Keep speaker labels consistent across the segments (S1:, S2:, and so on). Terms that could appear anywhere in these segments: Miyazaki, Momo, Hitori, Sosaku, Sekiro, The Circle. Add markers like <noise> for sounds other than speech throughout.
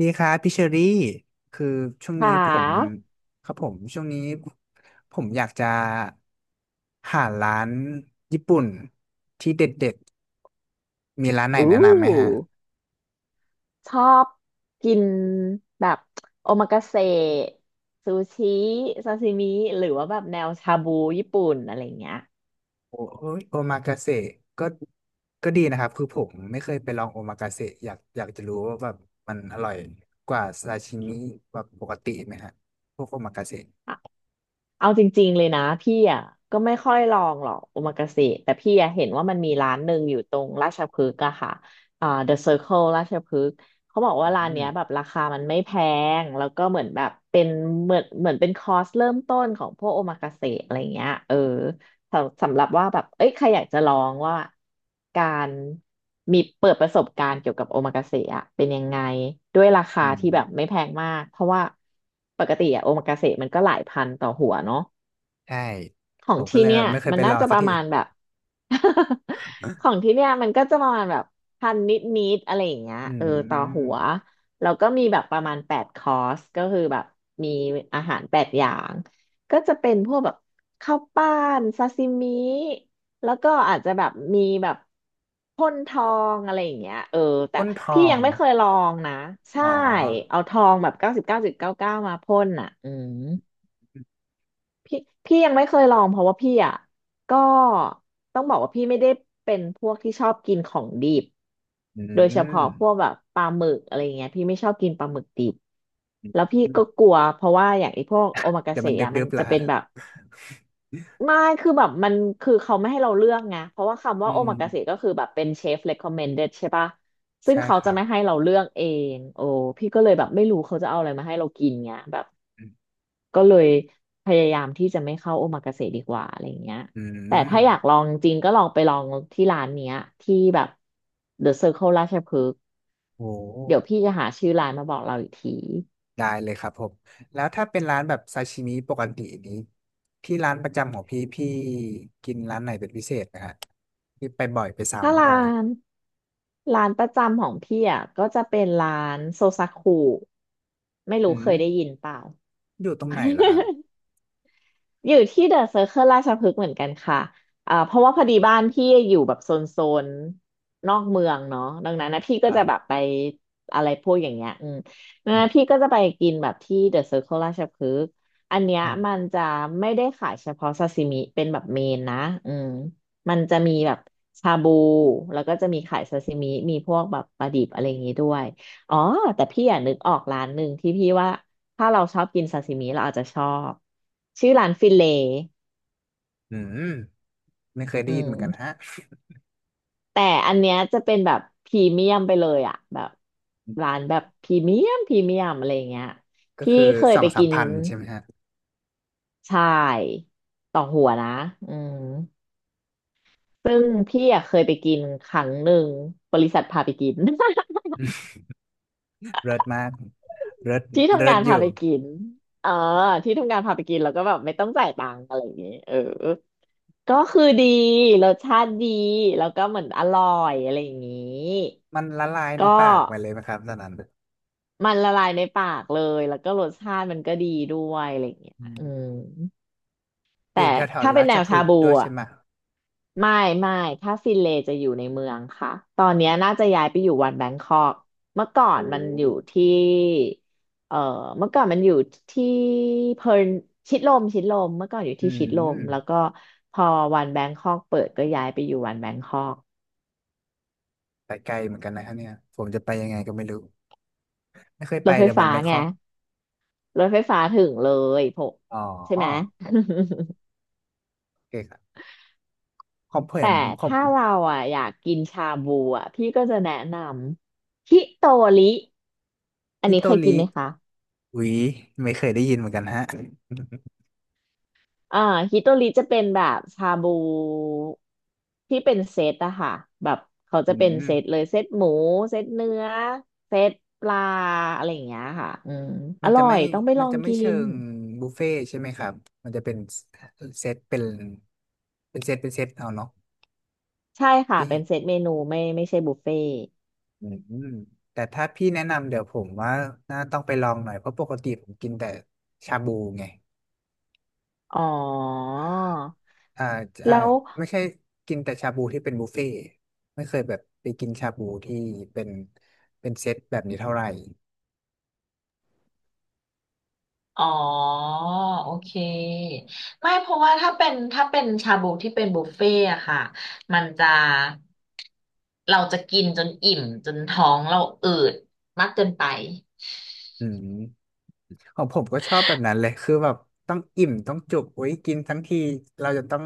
S1: ดีครับพี่เชอรี่คือช่วง
S2: ข
S1: นี้ผม
S2: า
S1: ครับผมช่วงนี้ผมอยากจะหาร้านญี่ปุ่นที่เด็ดๆมีร้านไหน
S2: อู้
S1: แนะนำไหมฮะ
S2: ชอบกินแบบโอมากาเสะซูชิซาซิมิหรือว่าแบบแนวชาบูญี่ปุ่นอะไรเงี้ย
S1: โอโอ้ยโอมากาเสะก็ก็ดีนะครับคือผมไม่เคยไปลองโอมากาเสะอยากจะรู้ว่าแบบมันอร่อยกว่าซาชิมิแบบปกติไหมฮะพวกโอมากาเสะ
S2: อะเอาจริงๆเลยนะพี่อ่ะก็ไม่ค่อยลองหรอกโอมากาเสะแต่พี่อ่ะเห็นว่ามันมีร้านหนึ่งอยู่ตรงราชพฤกษ์อะค่ะอ่า The Circle ราชพฤกษ์เขาบอกว่า
S1: อื
S2: ร้านเนี้
S1: ม
S2: ยแบบราคามันไม่แพงแล้วก็เหมือนแบบเป็นเหมือนเป็นคอร์สเริ่มต้นของพวกโอมากาเสะอะไรเงี้ยเออ สำหรับว่าแบบเอ้ยใครอยากจะลองว่าการมีเปิดประสบการณ์เกี่ยวกับโอมากาเสะอะเป็นยังไงด้วยราคา
S1: อืม
S2: ที่แบบไม่แพงมากเพราะว่าปกติอะโอมากาเสะมันก็หลายพันต่อหัวเนาะ
S1: ใช่
S2: ขอ
S1: ผ
S2: ง
S1: มก็
S2: ที่
S1: เลย
S2: เนี่
S1: แบ
S2: ย
S1: บไม่เคย
S2: มัน
S1: ไปล
S2: น่า
S1: อง
S2: จะ
S1: สั
S2: ป
S1: ก
S2: ระ
S1: ที
S2: มาณแบบ <laughs> ของที่เนี่ยมันก็จะประมาณแบบพันนิดนิดอะไรอย่างเงี้ย
S1: อื
S2: เออต่อหั
S1: ม
S2: วแล้วก็มีแบบประมาณ8 คอร์สก็คือแบบมีอาหาร 8 อย่างก็จะเป็นพวกแบบข้าวปั้นซาซิมิแล้วก็อาจจะแบบมีแบบพ่นทองอะไรอย่างเงี้ยเออแต่
S1: ก้นท
S2: พี่
S1: อ
S2: ยั
S1: ง
S2: งไม่เคยลองนะใช่
S1: อ๋อ
S2: เอาทองแบบ99.99มาพ่นอ่ะอืม พี่พี่ยังไม่เคยลองเพราะว่าพี่อ่ะก็ต้องบอกว่าพี่ไม่ได้เป็นพวกที่ชอบกินของดิบ
S1: อื
S2: โดยเฉพาะ
S1: ม
S2: พวกแบบปลาหมึกอะไรเงี้ยพี่ไม่ชอบกินปลาหมึกดิบแล้วพี่
S1: อื
S2: ก็
S1: ม
S2: กลัวเพราะว่าอย่างไอ้พวกโอมากา
S1: เดี๋ยว
S2: เสะ
S1: มัน
S2: อ่ะมั
S1: เดื
S2: น
S1: อบๆ
S2: จะ
S1: ละ
S2: เป็
S1: ฮะ
S2: นแบบไม่คือแบบมันคือเขาไม่ให้เราเลือกไงเพราะว่าคำ
S1: อื
S2: ว่าโอ
S1: ม
S2: มากาเสะก็คือแบบเป็นเชฟ recommended ใช่ปะซึ่ง
S1: ใช่
S2: เขา
S1: ค
S2: จะ
S1: รับ
S2: ไม่ให้เราเลือกเองโอ้พี่ก็เลยแบบไม่รู้เขาจะเอาอะไรมาให้เรากินไงแบบ
S1: อืม
S2: ก็เลยพยายามที่จะไม่เข้าโอมากาเสะดีกว่าอะไรเงี้ย
S1: อื
S2: แต่ถ้าอยาก
S1: ม
S2: ลองจริงๆก็ลองไปลองที่ร้านเนี้ยที่แบบ The Circle ราชพฤกษ์
S1: โห
S2: เดี๋ยวพี่จะหาชื่อร้านมาบอกเราอีกที
S1: ได้เลยครับผม แล้วถ้าเป็นร้านแบบซาชิมิปกตินี้ ที่ร้านประจำของพี่พี่กินร้านไหนเป็นพิเศษนะฮะพี่ไปบ่อยไป
S2: ถ้า
S1: ซ้ำบ่อย
S2: นร้านประจำของพี่อ่ะก็จะเป็นร้านโซซากุไม่รู้
S1: อื
S2: เค
S1: ม
S2: ยได้ยินเปล่า
S1: อยู่ตรงไหนเหรอค
S2: <laughs>
S1: รับ
S2: อยู่ที่เดอะเซอร์เคิลราชพฤกษ์เหมือนกันค่ะอ่าเพราะว่าพอดีบ้านพี่อยู่แบบโซนนอกเมืองเนาะดังนั้นนะพี่ก็
S1: ครั
S2: จะแบบ
S1: บ
S2: ไปอะไรพวกอย่างเงี้ยอืมดัง
S1: อื
S2: นั้น
S1: ม
S2: พี่ก็จะไปกินแบบที่เดอะเซอร์เคิลราชพฤกษ์อันเนี้ย
S1: อื
S2: มัน
S1: ม
S2: จะไม่ได้ขายเฉพาะซาซิมิเป็นแบบเมนนะอืมมันจะมีแบบชาบูแล้วก็จะมีขายซาซิมิมีพวกแบบปลาดิบอะไรอย่างงี้ด้วยอ๋อ แต่พี่อยากนึกออกร้านหนึ่งที่พี่ว่า ถ้าเราชอบกินซาซิมิเราอาจจะชอบชื่อร้านฟิเล
S1: อืมไม่เคยได้
S2: อื
S1: ยินเหมือนกัน
S2: ม
S1: ฮะ
S2: แต่อันเนี้ยจะเป็นแบบพรีเมียมไปเลยอะแบบร้านแบบพรีเมียมอะไรอย่างเงี้ย
S1: ก็
S2: พี่
S1: คือ
S2: เคย
S1: สอ
S2: ไป
S1: งสา
S2: กิ
S1: ม
S2: น
S1: พันใช่ไหมฮะ
S2: ใช่ต่อหัวนะอืมซึ่งพี่อะเคยไปกินครั้งหนึ่งบริษัทพาไปกิน <laughs>
S1: เลิศมากเลิศ
S2: ที่ทำ
S1: เลิ
S2: งา
S1: ศ
S2: น
S1: อ
S2: พา
S1: ยู่
S2: ไปกินเออที่ทำงานพาไปกินแล้วก็แบบไม่ต้องจ่ายตังค์อะไรอย่างเงี้ยเออก็คือดี รสชาติดี แล้วก็เหมือนอร่อยอะไรอย่างงี้
S1: มันละลายใน
S2: ก็
S1: ปากไปเลยไหมครับตอนนั้น
S2: มันละลายในปากเลยแล้วก็รสชาติมันก็ดีด้วยอะไรอย่างเงี้ย
S1: อืม
S2: อืม
S1: อยู่
S2: แต่
S1: แถว
S2: ถ้า
S1: ๆ
S2: เป็
S1: รา
S2: นแน
S1: ช
S2: ว
S1: พฤ
S2: ชา
S1: กษ์
S2: บู
S1: ด้วย
S2: อ่ะ
S1: ใช่ไหม
S2: ไม่ไม่ถ้าฟินเลย์จะอยู่ในเมืองค่ะตอนเนี้ยน่าจะย้ายไปอยู่วันแบงคอกเมื่อก่อ
S1: โอ้
S2: นมันอยู่ที่เอ่อเมื่อก่อนมันอยู่ที่เพิร์ลชิดลมเมื่อก่อนอยู่
S1: อื
S2: ที่ชิดลมแล้ว
S1: ม
S2: ก็พอวันแบงคอกเปิดก็ย้ายไปอยู่วันแบงคอก
S1: ไปไกลเหมือนกันนะครับเนี่ยผมจะไปยังไงก็ไม่รู้ ไม่เคย
S2: ร
S1: ไป
S2: ถไฟ
S1: เลยวัน
S2: ฟ้า
S1: แบงค
S2: ไง
S1: อก
S2: รถไฟฟ้าถึงเลยพก
S1: อ๋
S2: ใช่ไหม
S1: อ
S2: <laughs>
S1: โอเคครับของผม
S2: แต่
S1: ของ
S2: ถ้าเราอ่ะอยากกินชาบูอ่ะพี่ก็จะแนะนำฮิโตริอัน
S1: นิ
S2: นี้
S1: โต
S2: เคย
S1: ริ
S2: กินไหมคะ
S1: อุยไม่เคยได้ยินเหมือนกันฮะ
S2: อ่าฮิโตริจะเป็นแบบชาบูที่เป็นเซตอะค่ะแบบเขา
S1: <laughs> อื
S2: จะเป็น
S1: ม
S2: เซตเลยเซตหมูเซตเนื้อเซตปลาอะไรอย่างเงี้ยค่ะอืมอ
S1: มัน
S2: ร่
S1: จะ
S2: อ
S1: ไม่
S2: ยต้องไปล
S1: มั
S2: อ
S1: น
S2: ง
S1: จะไม่
S2: กิ
S1: เชิ
S2: น
S1: งบุฟเฟ่ต์ใช่ไหมครับมันจะเป็นเซตเป็นเซตเป็นเซตเอาเนาะ
S2: ใช่ค่ะ
S1: พี่
S2: เป็นเซตเมนูไม่ไม่ใช่บุฟเฟ่ต์
S1: อืมแต่ถ้าพี่แนะนำเดี๋ยวผมว่าน่าต้องไปลองหน่อยเพราะปกติผมกินแต่ชาบูไง
S2: อ๋อ
S1: อ่าอ่า
S2: แล้ว
S1: ไม่ใช่กินแต่ชาบูที่เป็นบุฟเฟ่ต์ไม่เคยแบบไปกินชาบูที่เป็นเป็นเซตแบบนี้เท่าไหร่
S2: อ๋อโอเคไม่เพราะว่าถ้าเป็นถ้าเป็นชาบูที่เป็นบุฟเฟ่อะค่ะมันจะเราจะกินจนอิ่มจนท้องเราอืดมากเกินไป
S1: อืมของผมก็ชอบแบบนั้นเลยคือแบบต้องอิ่มต้องจุกไว้ยกินทั้งทีเราจะต้อง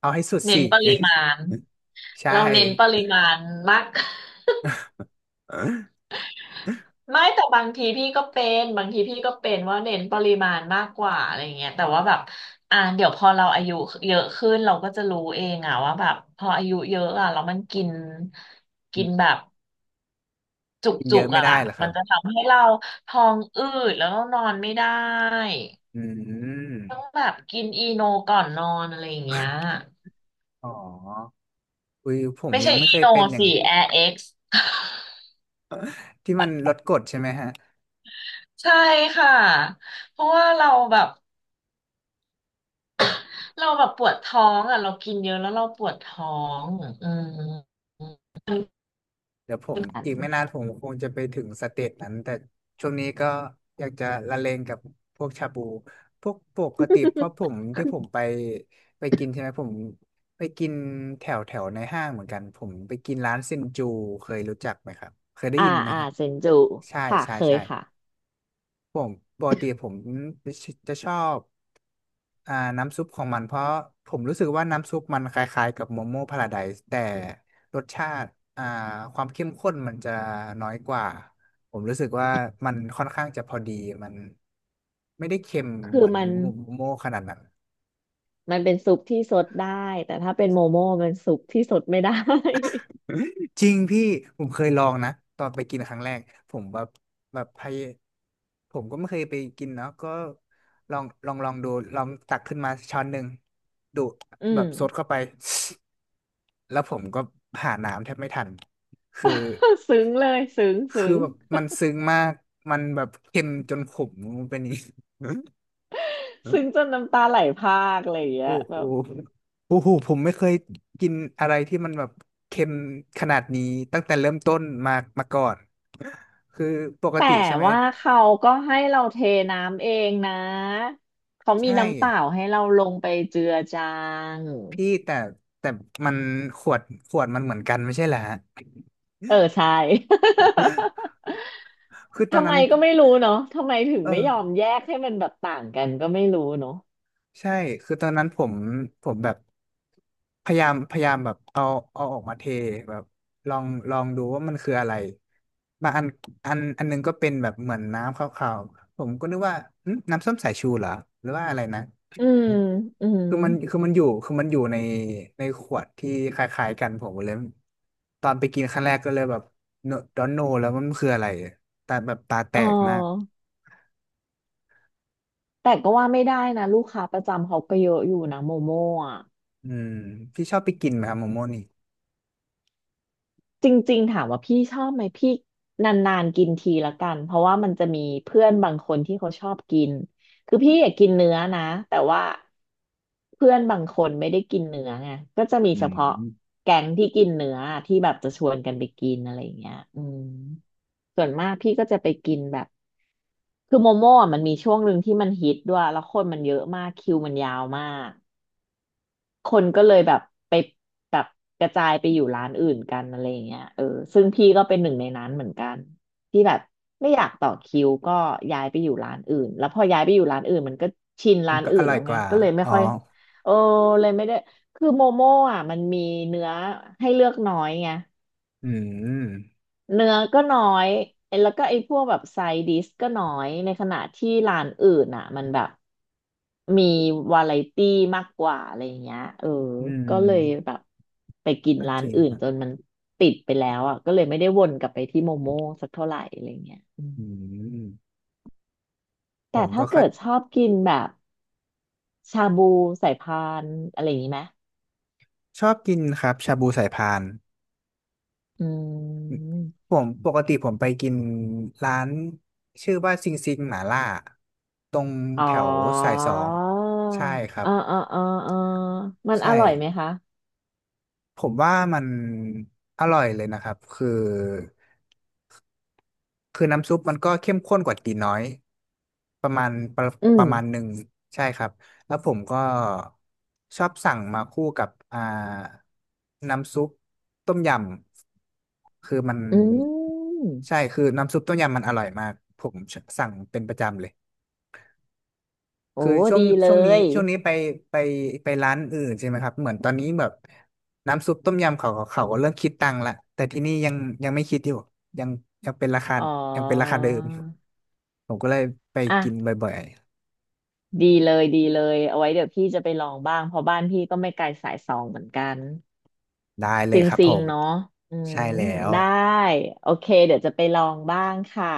S1: เอาให้สุด
S2: เน้น
S1: สิ
S2: ปริมาณ
S1: <laughs> ใช่
S2: เราเน้นปริมาณมาก <laughs>
S1: อื
S2: ไม่แต่บางทีพี่ก็เป็นบางทีพี่ก็เป็นว่าเน้นปริมาณมากกว่าอะไรเงี้ยแต่ว่าแบบอ่าเดี๋ยวพอเราอายุเยอะขึ้นเราก็จะรู้เองอะว่าแบบพออายุเยอะอะแล้วมันกินกินแบ
S1: ม
S2: บ จุก
S1: กิน
S2: จุ
S1: เยอะ
S2: ก
S1: ไม่
S2: อ่ะ
S1: ได้เหรอครั
S2: มัน
S1: บ
S2: จะทำให้เราท้องอืดแล้วก็นอนไม่ได้
S1: อืม
S2: ต้องแบบกินอีโนก่อนนอนอะไรอย่างเงี้ย
S1: อ๋ออุ้ยผม
S2: ไม่
S1: ยั
S2: ใช่
S1: งไม่เค
S2: อี
S1: ย
S2: โน
S1: เป็นอย่าง
S2: สิแอร์เอ็กซ์
S1: ที่มันลดกฎใช่ไหมฮะ
S2: <laughs> ใช่ค่ะเพราะว่าเราแบบ <coughs> เราแบบปวดท้องอ่ะเรากินเยอะแล้วเราปวดท้องอืม
S1: เดี๋ยวผม
S2: <laughs> อัน
S1: อีกไม่นานผมคงจะไปถึงสเตจนั้นแต่ช่วงนี้ก็อยากจะละเลงกับพวกชาบูพวกปกติเพราะผมที่ผม
S2: <laughs>
S1: ไปกินใช่ไหมผมไปกินแถวแถวในห้างเหมือนกันผมไปกินร้านเซนจูเคยรู้จักไหมครับเคยได้
S2: อ่า
S1: ยินไหม
S2: อ่า
S1: ฮะ
S2: เซนจู
S1: ใช่
S2: ค่ะ
S1: ใช่
S2: เคย
S1: ใช่
S2: ค่ะ
S1: ผมปกติผมจะชอบ น้ำซุปของมันเพราะผมรู้สึกว่าน้ำซุปมันคล้ายๆกับโมโม่พาราไดซ์แต่รสชาติอ่าความเข้มข้นมันจะน้อยกว่าผมรู้สึกว่ามันค่อนข้างจะพอดีมันไม่ได้เค็ม
S2: คื
S1: เห
S2: อ
S1: มือน
S2: มัน
S1: โมโม่ขนาดนั้น
S2: เป็นซุปที่ซดได้แต่ถ้าเป็นโมโม่มันซุปที่ซดไม่ได้
S1: จริงพี่ผมเคยลองนะตอนไปกินครั้งแรกผมแบบผมก็ไม่เคยไปกินเนาะก็ลองดูลองตักขึ้นมาช้อนหนึ่งดู
S2: อื
S1: แบ
S2: ม
S1: บซดเข้าไปแล้วผมก็หาน้ำแทบไม่ทันคือ
S2: <laughs> ซึ้งเลยซึ้ง
S1: คื
S2: ซึ้
S1: อ
S2: ง
S1: แบบมันซึ้งมากมันแบบเค็มจนขมเป็นอย่างนี้ <laughs>
S2: ซึ้งจนน้ำตาไหลพรากอะไรอย่างเงี้
S1: โอ้
S2: ยแบ
S1: โห
S2: บ
S1: โอ้โหผมไม่เคยกินอะไรที่มันแบบเค็มขนาดนี้ตั้งแต่เริ่มต้นมามาก่อน คือปก
S2: แต่
S1: ติใช่ไหม
S2: ว่าเขาก็ให้เราเทน้ำเองนะเขามี
S1: ใช่
S2: น้ำเปล่าให้เราลงไปเจือจาง
S1: พี่แต่มันขวดขวดมันเหมือนกันไม่ใช่เหรอฮะ
S2: เออใช่ <laughs>
S1: คือตอน
S2: ทำไม
S1: นั้น
S2: ก็ไม่รู้เนาะทำไมถึง
S1: เออ
S2: ไม่ยอมแยกให้มันแบบต่างกันก็ไม่รู้เนาะ
S1: ใช่คือตอนนั้นผมแบบพยายามแบบเอาออกมาเทแบบลองดูว่ามันคืออะไรบางอันหนึงก็เป็นแบบเหมือนน้ำขาวๆผมก็นึกว่าหึน้ำส้มสายชูเหรอหรือว่าอะไรนะ
S2: อืมอืม
S1: คือมันอยู่ในขวดที่คล้ายๆกันผมเลยตอนไปกินครั้งแรกก็เลยแบบดอนโนแล้วมันคืออะไรตาแบบตาแต
S2: อ๋อ
S1: กมาก
S2: แต่ก็ว่าไม่ได้นะลูกค้าประจำเขาก็เยอะอยู่นะโมโม่
S1: อืมพี่ชอบไปกินไหมครับโมโม่นี่
S2: จริงๆถามว่าพี่ชอบไหมพี่นานๆกินทีละกันเพราะว่ามันจะมีเพื่อนบางคนที่เขาชอบกินคือพี่อยากกินเนื้อนะแต่ว่าเพื่อนบางคนไม่ได้กินเนื้อไงก็จะมี
S1: อื
S2: เฉพาะ
S1: ม
S2: แก๊งที่กินเนื้อที่แบบจะชวนกันไปกินอะไรอย่างเงี้ยอืมส่วนมากพี่ก็จะไปกินแบบคือโมโม่อะมันมีช่วงหนึ่งที่มันฮิตด้วยแล้วคนมันเยอะมากคิวมันยาวมาก คนก็เลยแบบไปแบบกระจายไปอยู่ร้านอื่นกันอะไรอย่างเงี้ยเออซึ่งพี่ก็เป็นหนึ่งในนั้นเหมือนกันที่แบบไม่อยากต่อคิวก็ย้ายไปอยู่ร้านอื่นแล้วพอย้ายไปอยู่ร้านอื่นมันก็ชิน
S1: มั
S2: ร้า
S1: น
S2: น
S1: ก็
S2: อื่
S1: อ
S2: น
S1: ร่อ
S2: แล้
S1: ย
S2: ว
S1: ก
S2: ไง
S1: ว่า
S2: ก็เลยไม่
S1: อ๋อ
S2: ค่อยเออเลยไม่ได้คือโมโม่อ่ะมันมีเนื้อให้เลือกน้อยไง
S1: อืม
S2: เนื้อก็น้อยไอ้แล้วก็ไอ้พวกแบบไซดิสก็น้อย ในขณะที่ร้านอื่นอ่ะมันแบบมีวาไรตี้มากกว่าอะไรอย่างเงี้ยเออ
S1: อืม
S2: ก็เลยแบบไปกิน
S1: ก็
S2: ร้า
S1: จ
S2: น
S1: ริง
S2: อื่
S1: ค
S2: น
S1: รับ
S2: จนมันติดไปแล้วอ่ะก็เลยไม่ได้วนกลับไปที่โมโม่สักเท่าไหร่อะไรเงี้ยอืม
S1: อืมผ
S2: แต่
S1: มก็
S2: ถ้า
S1: ค่อย
S2: เกิดชอบกินแบบชาบูสายพานอะไรอย่างงี้ไหม
S1: ชอบกินครับชาบูสายพาน
S2: อืม
S1: ผมปกติผมไปกินร้านชื่อว่าซิงซิงหม่าล่าตรง
S2: อ๋อ
S1: แถวสายสองใช่ครับ
S2: อ๋ออ๋ออ๋ออ๋อมันอ
S1: ใช่
S2: ร่อยไหมคะ
S1: ผมว่ามันอร่อยเลยนะครับคือ คือน้ำซุปมันก็เข้มข้นกว่าตีน้อยประมาณประ
S2: อื
S1: ป
S2: ม
S1: ระมาณหนึ่งใช่ครับแล้วผมก็ชอบสั่งมาคู่กับน้ำซุปต้มยำคือมัน
S2: อืม
S1: ใช่คือน้ำซุปต้มยำมันอร่อยมากผมสั่งเป็นประจำเลย
S2: โอ้
S1: คือ
S2: ดีเลย
S1: ช่วงนี้ไปไปร้านอื่นใช่ไหมครับเหมือนตอนนี้แบบน้ำซุปต้มยำเขาก็เริ่มคิดตังค์ละแต่ที่นี่ยังยังไม่คิดอยู่ยังยังเป็นราคา
S2: อ๋อ
S1: ยังเป็นราคาเดิมผมก็เลยไปกิน
S2: อ่ะ
S1: บ่อย
S2: ดีเลยดีเลยเอาไว้เดี๋ยวพี่จะไปลองบ้างเพราะบ้านพี่ก็ไม่ไกลสายสองเหมือนกัน
S1: ๆได้เล
S2: ซิ
S1: ย
S2: ง
S1: ครับ
S2: ซิ
S1: ผ
S2: ง
S1: ม
S2: เนาะอืม
S1: ใช่แล้ว
S2: ได้โอเคเดี๋ยวจะไปลองบ้างค่ะ